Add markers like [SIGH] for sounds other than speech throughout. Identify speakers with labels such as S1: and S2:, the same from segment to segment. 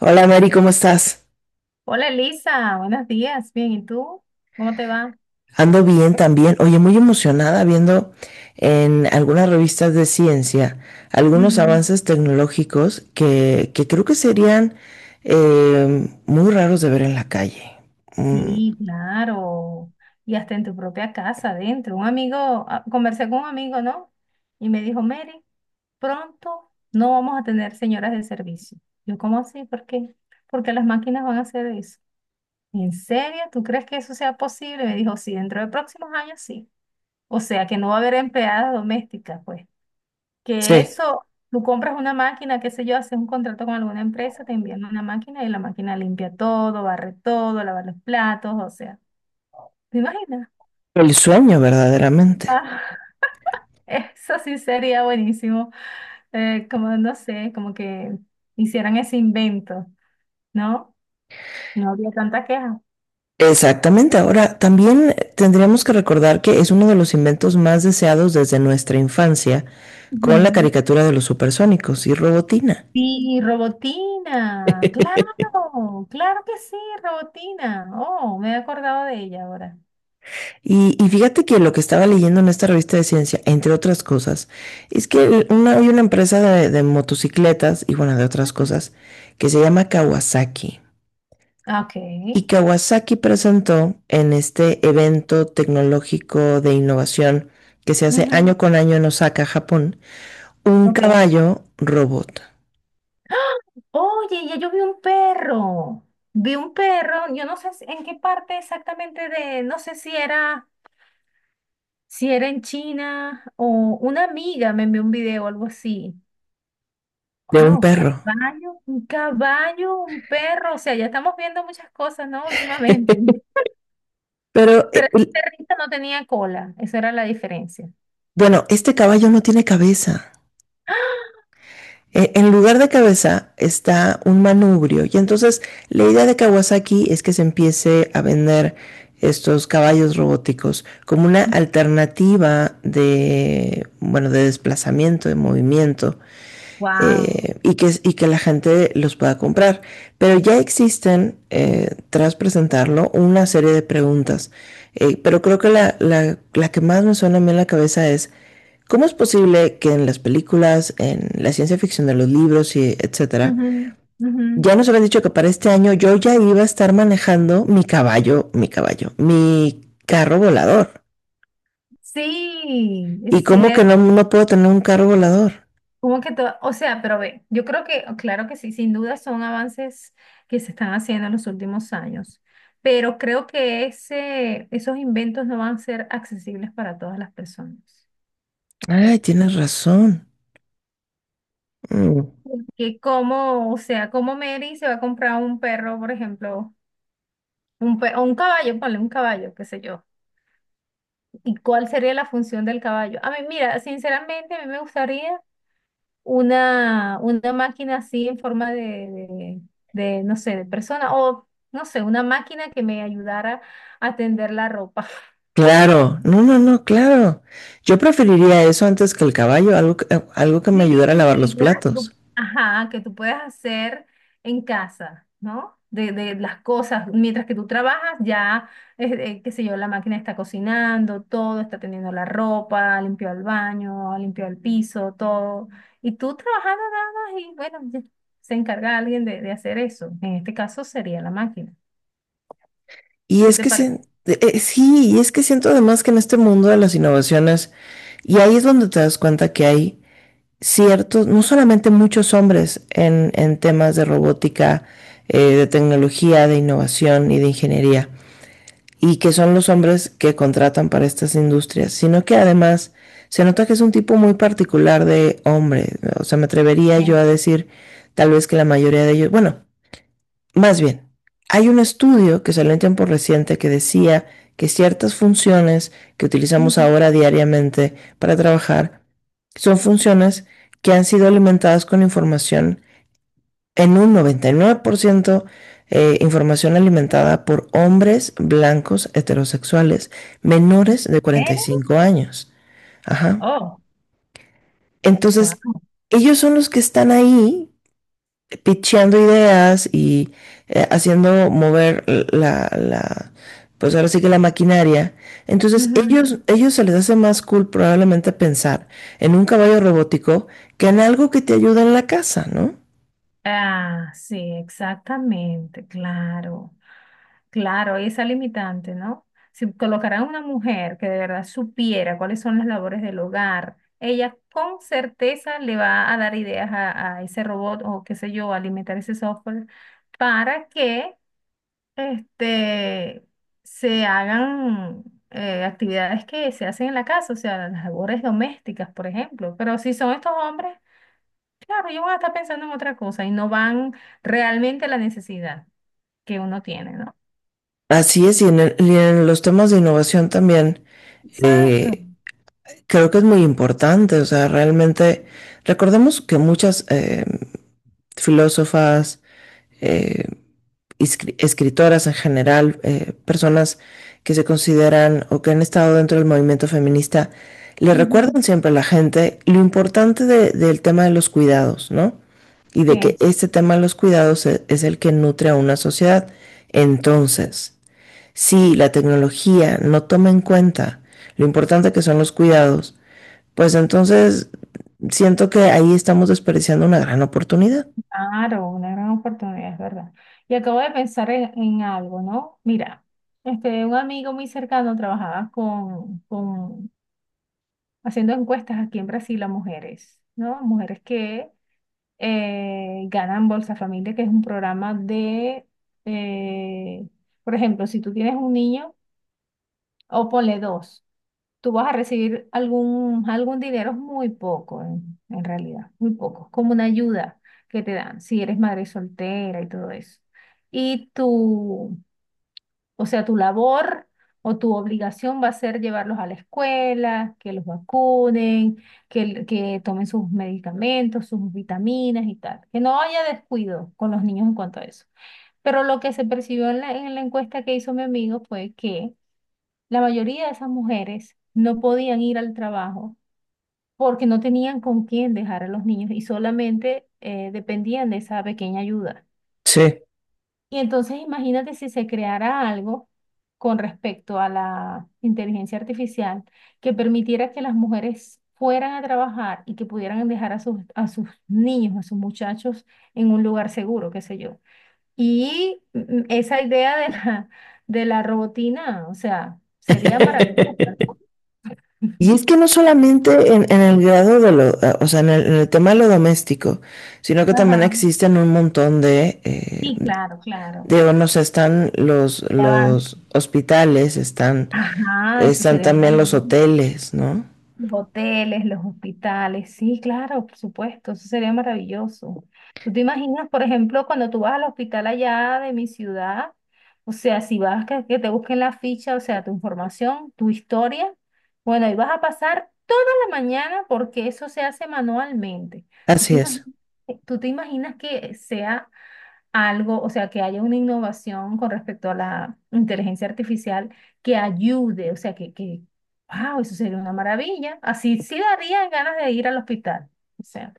S1: Hola Mary, ¿cómo estás?
S2: Hola Elisa, buenos días, bien, ¿y tú? ¿Cómo te va?
S1: Ando bien también. Oye, muy emocionada viendo en algunas revistas de ciencia algunos
S2: Ujú.
S1: avances tecnológicos que creo que serían muy raros de ver en la calle. Mm,
S2: Sí, claro, y hasta en tu propia casa, adentro. Un amigo, ah, conversé con un amigo, ¿no? Y me dijo, Mary, pronto no vamos a tener señoras de servicio. Yo, ¿cómo así? ¿Por qué? Porque las máquinas van a hacer eso. ¿En serio? ¿Tú crees que eso sea posible? Me dijo, sí, dentro de próximos años sí. O sea, que no va a haber empleadas domésticas, pues. Que
S1: sí,
S2: eso, tú compras una máquina, qué sé yo, haces un contrato con alguna empresa, te envían una máquina y la máquina limpia todo, barre todo, lava los platos, o sea, ¿te imaginas?
S1: el sueño verdaderamente.
S2: Ah, [LAUGHS] eso sí sería buenísimo, como no sé, como que hicieran ese invento, ¿no? No había tanta queja.
S1: Exactamente. Ahora, también tendríamos que recordar que es uno de los inventos más deseados desde nuestra infancia con la
S2: Ujú.
S1: caricatura de los supersónicos y Robotina.
S2: Sí, robotina,
S1: [LAUGHS]
S2: claro, claro que sí, robotina. Oh, me he acordado de ella ahora.
S1: Y fíjate que lo que estaba leyendo en esta revista de ciencia, entre otras cosas, es que hay una empresa de motocicletas y bueno, de otras
S2: Ujú.
S1: cosas, que se llama Kawasaki.
S2: Ah, ok.
S1: Y Kawasaki presentó en este evento tecnológico de innovación que se hace
S2: Ujú.
S1: año con año en Osaka, Japón, un
S2: Ok.
S1: caballo robot
S2: Oye, ya yo vi un perro. Vi un perro, yo no sé en qué parte exactamente de, no sé si era, si era en China o una amiga me envió un video o algo así.
S1: de un
S2: Wow,
S1: perro.
S2: caballo, un perro. O sea, ya estamos viendo muchas cosas, ¿no? Últimamente.
S1: [LAUGHS] Pero,
S2: Pero el perrito no tenía cola. Esa era la diferencia.
S1: bueno, este caballo no tiene cabeza. En lugar de cabeza está un manubrio. Y entonces la idea de Kawasaki es que se empiece a vender estos caballos robóticos como una alternativa de, bueno, de desplazamiento, de movimiento
S2: Wow.
S1: y que la gente los pueda comprar. Pero ya existen, tras presentarlo, una serie de preguntas. Pero creo que la que más me suena a mí en la cabeza es, ¿cómo es posible que en las películas, en la ciencia ficción de los libros y etcétera, ya nos habían dicho que para este año yo ya iba a estar manejando mi caballo, mi carro volador?
S2: Sí,
S1: ¿Y
S2: es
S1: cómo que
S2: cierto.
S1: no puedo tener un carro volador?
S2: Como que todo, o sea, pero ve, yo creo que, claro que sí, sin duda son avances que se están haciendo en los últimos años, pero creo que ese, esos inventos no van a ser accesibles para todas las personas,
S1: Ay,
S2: ¿cierto?
S1: tienes razón. Mm.
S2: Porque como, o sea, como Mary se va a comprar un perro, por ejemplo, un o un caballo, ponle un caballo, qué sé yo, ¿y cuál sería la función del caballo? A mí, mira, sinceramente, a mí me gustaría una máquina así en forma de, no sé, de persona o, no sé, una máquina que me ayudara a tender la ropa. [LAUGHS]
S1: Claro, no, no, no, claro. Yo preferiría eso antes que el caballo, algo que me ayudara a lavar
S2: Sí,
S1: los
S2: ¿verdad? Que
S1: platos.
S2: ajá, que tú puedes hacer en casa, ¿no? De las cosas, mientras que tú trabajas, ya, qué sé yo, la máquina está cocinando, todo, está teniendo la ropa, limpió el baño, limpió el piso, todo. Y tú trabajando nada más y bueno, ya se encarga alguien de hacer eso. En este caso sería la máquina.
S1: Y
S2: ¿Qué
S1: es
S2: te
S1: que
S2: parece?
S1: sí, y es que siento además que en este mundo de las innovaciones, y ahí es donde te das cuenta que hay ciertos, no solamente muchos hombres en temas de robótica, de tecnología, de innovación y de ingeniería. Y que son los hombres que contratan para estas industrias, sino que además se nota que es un tipo muy particular de hombre. O sea, me atrevería yo
S2: Bien.
S1: a decir tal vez que la mayoría de ellos, bueno, más bien, hay un estudio que salió en tiempo reciente que decía que ciertas funciones que utilizamos
S2: Ujú.
S1: ahora diariamente para trabajar son funciones que han sido alimentadas con información en un 99% información alimentada por hombres blancos heterosexuales menores de cuarenta
S2: ¿Eh?
S1: y cinco años. Ajá.
S2: Oh,
S1: Entonces, ellos son los que están ahí picheando ideas y haciendo mover la, la, pues ahora sí que la maquinaria. Entonces,
S2: wow.
S1: ellos se les hace más cool probablemente pensar en un caballo robótico que en algo que te ayuda en la casa, ¿no?
S2: Ah, sí, exactamente, claro. Claro, y esa limitante, ¿no? Si colocaran una mujer que de verdad supiera cuáles son las labores del hogar, ella con certeza le va a dar ideas a ese robot o qué sé yo, a alimentar ese software para que este, se hagan actividades que se hacen en la casa, o sea, las labores domésticas, por ejemplo. Pero si son estos hombres. Claro, ellos van a estar pensando en otra cosa y no van realmente a la necesidad que uno tiene, ¿no?
S1: Así es, y en, y en los temas de innovación también
S2: Exacto.
S1: eh, creo que es muy importante, o sea, realmente recordemos que muchas filósofas, eh, escritoras en general, personas que se consideran o que han estado dentro del movimiento feminista, le
S2: Ujú.
S1: recuerdan siempre a la gente lo importante del tema de los cuidados, ¿no? Y de que
S2: Sí,
S1: este tema de los cuidados es el que nutre a una sociedad. Entonces, si la tecnología no toma en cuenta lo importante que son los cuidados, pues entonces siento que ahí estamos desperdiciando una gran oportunidad.
S2: claro, una gran oportunidad, es verdad. Y acabo de pensar en algo, ¿no? Mira, este, un amigo muy cercano trabajaba con haciendo encuestas aquí en Brasil a mujeres, ¿no? Mujeres que ganan Bolsa Familia, que es un programa de, eh, por ejemplo, si tú tienes un niño, o ponle dos. Tú vas a recibir algún, algún dinero muy poco, en realidad, muy poco, como una ayuda que te dan si eres madre soltera y todo eso. Y tu, o sea, tu labor o tu obligación va a ser llevarlos a la escuela, que los vacunen, que, que tomen sus medicamentos, sus vitaminas y tal. Que no haya descuido con los niños en cuanto a eso. Pero lo que se percibió en la encuesta que hizo mi amigo fue que la mayoría de esas mujeres no podían ir al trabajo porque no tenían con quién dejar a los niños y solamente dependían de esa pequeña ayuda.
S1: Sí.
S2: Y entonces imagínate si se creara algo con respecto a la inteligencia artificial que permitiera que las mujeres fueran a trabajar y que pudieran dejar a sus niños, a sus muchachos en un lugar seguro, qué sé yo. Y esa idea de la robotina, o sea, sería maravillosa.
S1: Y es
S2: [LAUGHS]
S1: que no solamente en el grado de lo, o sea, en el, en el tema de lo doméstico, sino que también
S2: Ajá.
S1: existen un montón
S2: Sí, claro, claro.
S1: de no sé, están
S2: De avance.
S1: los hospitales, están,
S2: Ajá, eso
S1: están
S2: sería
S1: también los
S2: maravilloso.
S1: hoteles, ¿no?
S2: Los hoteles, los hospitales, sí, claro, por supuesto, eso sería maravilloso. ¿Tú te imaginas, por ejemplo, cuando tú vas al hospital allá de mi ciudad? O sea, si vas, que te busquen la ficha, o sea, tu información, tu historia, bueno, y vas a pasar toda la mañana porque eso se hace manualmente. ¿Tú
S1: Así
S2: te
S1: es.
S2: imaginas, tú te imaginas que sea algo, o sea, que haya una innovación con respecto a la inteligencia artificial que ayude, o sea, que, wow, eso sería una maravilla. Así sí darían ganas de ir al hospital. O sea,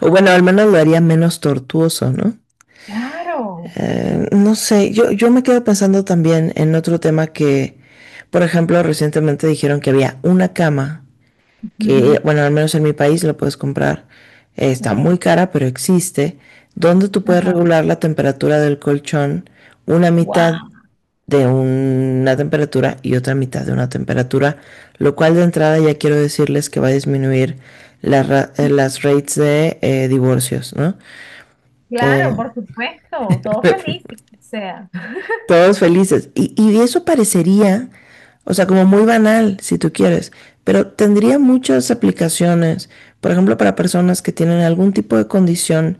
S1: O bueno, al menos lo haría menos tortuoso, ¿no?
S2: claro.
S1: No sé, yo me quedo pensando también en otro tema que, por ejemplo, recientemente dijeron que había una cama
S2: Ujú,
S1: que, bueno, al menos en mi país la puedes comprar, está
S2: ok,
S1: muy cara, pero existe, donde tú puedes
S2: ajá.
S1: regular la temperatura del colchón una mitad
S2: Wow.
S1: de una temperatura y otra mitad de una temperatura, lo cual de entrada ya quiero decirles que va a disminuir las rates de divorcios, ¿no? Eh,
S2: Claro, por supuesto, todo
S1: [LAUGHS]
S2: feliz, o sea.
S1: Todos felices. Y eso parecería, o sea, como muy banal, si tú quieres, pero tendría muchas aplicaciones, por ejemplo, para personas que tienen algún tipo de condición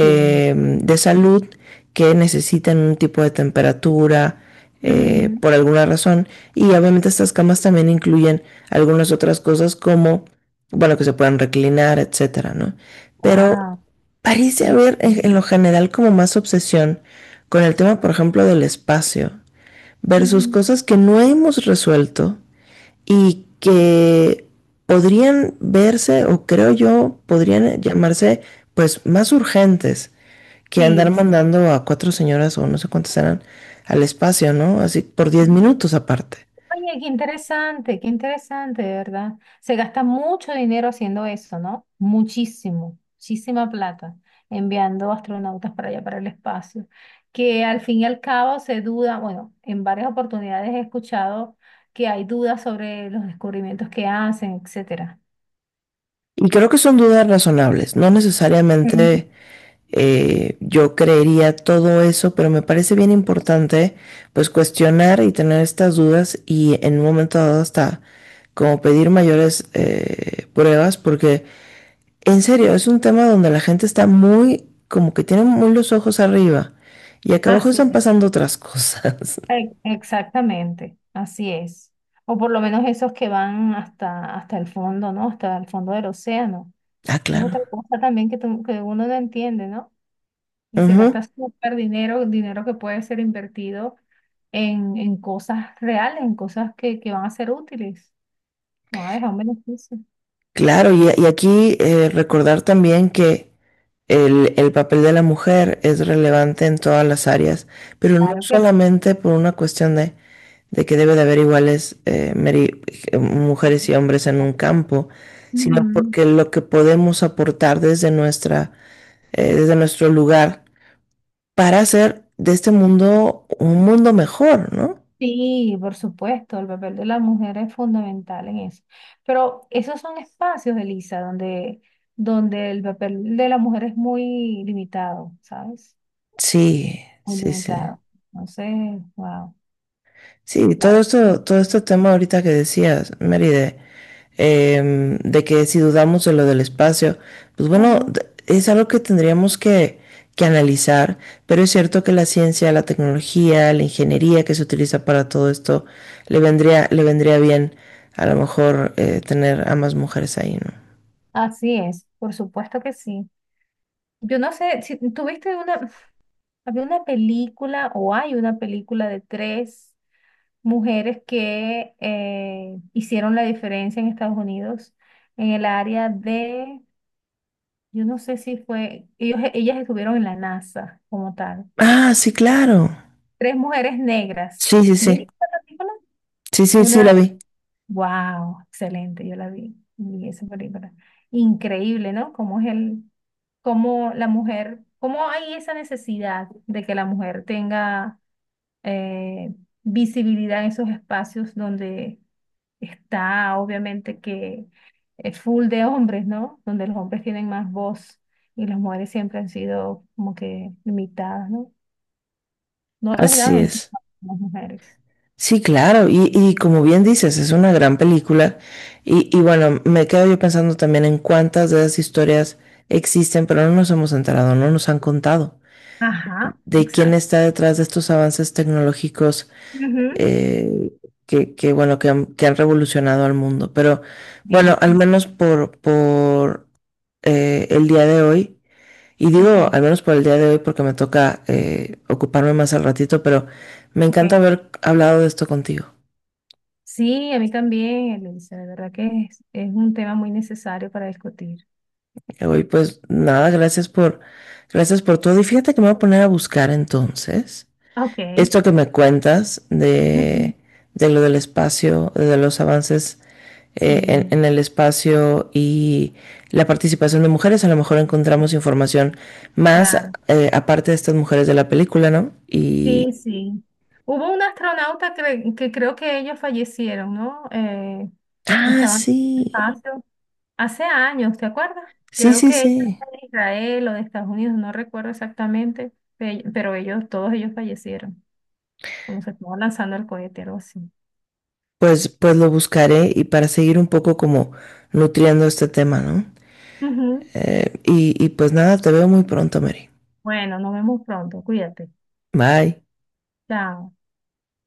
S2: Sí.
S1: de salud que necesitan un tipo de temperatura por alguna razón. Y obviamente estas camas también incluyen algunas otras cosas como, bueno, que se puedan reclinar, etcétera, ¿no? Pero
S2: Wow.
S1: parece haber en lo general como más obsesión con el tema, por ejemplo, del espacio versus cosas que no hemos resuelto y que podrían verse, o creo yo, podrían llamarse pues más urgentes que andar
S2: Sí, sí.
S1: mandando a cuatro señoras o no sé cuántas eran al espacio, ¿no? Así por 10 minutos aparte.
S2: Oye, qué interesante, de verdad. Se gasta mucho dinero haciendo eso, ¿no? Muchísimo, muchísima plata, enviando astronautas para allá, para el espacio. Que al fin y al cabo se duda, bueno, en varias oportunidades he escuchado que hay dudas sobre los descubrimientos que hacen, etcétera.
S1: Y creo que son dudas razonables. No
S2: Ujú.
S1: necesariamente yo creería todo eso, pero me parece bien importante pues cuestionar y tener estas dudas y en un momento dado hasta como pedir mayores pruebas, porque en serio es un tema donde la gente está muy, como que tiene muy los ojos arriba y acá
S2: Ah,
S1: abajo están
S2: sí.
S1: pasando otras cosas. [LAUGHS]
S2: Exactamente, así es. O por lo menos esos que van hasta, hasta el fondo, ¿no? Hasta el fondo del océano.
S1: Ah,
S2: Esa es
S1: claro.
S2: otra cosa también que, que uno no entiende, ¿no? Y se
S1: Ujú.
S2: gasta súper dinero, dinero que puede ser invertido en cosas reales, en cosas que van a ser útiles, van a dejar un beneficio.
S1: Claro, y aquí recordar también que el papel de la mujer es relevante en todas las áreas, pero no
S2: Claro que sí.
S1: solamente por una cuestión de que debe de haber iguales mujeres y hombres en un campo, sino
S2: Ujú.
S1: porque lo que podemos aportar desde nuestra, desde nuestro lugar para hacer de este mundo un mundo mejor, ¿no?
S2: Sí, por supuesto, el papel de la mujer es fundamental en eso. Pero esos son espacios, Elisa, donde, donde el papel de la mujer es muy limitado, ¿sabes?
S1: Sí,
S2: Muy
S1: sí, sí.
S2: limitado. Entonces, wow,
S1: Sí, todo
S2: claro.
S1: esto, todo este tema ahorita que decías, Mary, de de que si dudamos de lo del espacio, pues bueno,
S2: Ujú,
S1: es algo que tendríamos que analizar, pero es cierto que la ciencia, la tecnología, la ingeniería que se utiliza para todo esto, le vendría bien a lo mejor tener a más mujeres ahí, ¿no?
S2: así es, por supuesto que sí. Yo no sé si tuviste una, [LAUGHS] había una película o hay una película de tres mujeres que hicieron la diferencia en Estados Unidos en el área de. Yo no sé si fue, ellos, ellas estuvieron en la NASA como tal.
S1: Ah, sí, claro.
S2: Tres mujeres negras.
S1: Sí, sí,
S2: ¿Viste
S1: sí.
S2: esa película?
S1: Sí, sí, sí,
S2: Una,
S1: la vi.
S2: wow, excelente, yo la vi, vi esa película. Increíble, ¿no? Cómo es el, cómo la mujer, cómo hay esa necesidad de que la mujer tenga eh, visibilidad en esos espacios donde. Está obviamente que es full de hombres, ¿no? Donde los hombres tienen más voz y las mujeres siempre han sido como que limitadas, ¿no? No les dan
S1: Así
S2: ese
S1: es.
S2: espacio a las mujeres.
S1: Sí, claro, y como bien dices, es una gran película y bueno, me quedo yo pensando también en cuántas de esas historias existen, pero no nos hemos enterado, no nos han contado
S2: Ajá,
S1: de quién
S2: exacto.
S1: está detrás de estos avances tecnológicos
S2: Ujú.
S1: eh, que, bueno, que han revolucionado al mundo. Pero bueno,
S2: Bien,
S1: al menos por el día de hoy, y digo
S2: ok,
S1: al menos por el día de hoy porque me toca ocuparme más al ratito, pero me
S2: ok.
S1: encanta haber hablado de esto contigo.
S2: Sí, a mí también, Elisa, de verdad que es un tema muy necesario para discutir.
S1: Uy, pues nada, gracias por todo. Y fíjate que me voy a poner a buscar entonces
S2: Ok,
S1: esto que me cuentas
S2: ujú,
S1: de lo del espacio, de los avances
S2: sí,
S1: en el espacio y la participación de mujeres. A lo mejor encontramos información más
S2: claro.
S1: aparte de estas mujeres de la película, ¿no? Y...
S2: Sí, sí. Hubo un astronauta que creo que ellos fallecieron, ¿no?
S1: Ah,
S2: Estaban en el
S1: sí.
S2: espacio hace años, ¿te acuerdas?
S1: Sí,
S2: Creo
S1: sí,
S2: que ella
S1: sí.
S2: era de Israel o de Estados Unidos, no recuerdo exactamente, pero ellos, todos ellos fallecieron cuando se estuvo lanzando el cohete, algo así.
S1: Pues, pues lo buscaré y para seguir un poco como nutriendo este tema, ¿no?
S2: Ujú.
S1: Y pues nada, te veo muy pronto, Mary.
S2: Bueno, nos vemos pronto, cuídate.
S1: Bye.
S2: Chao.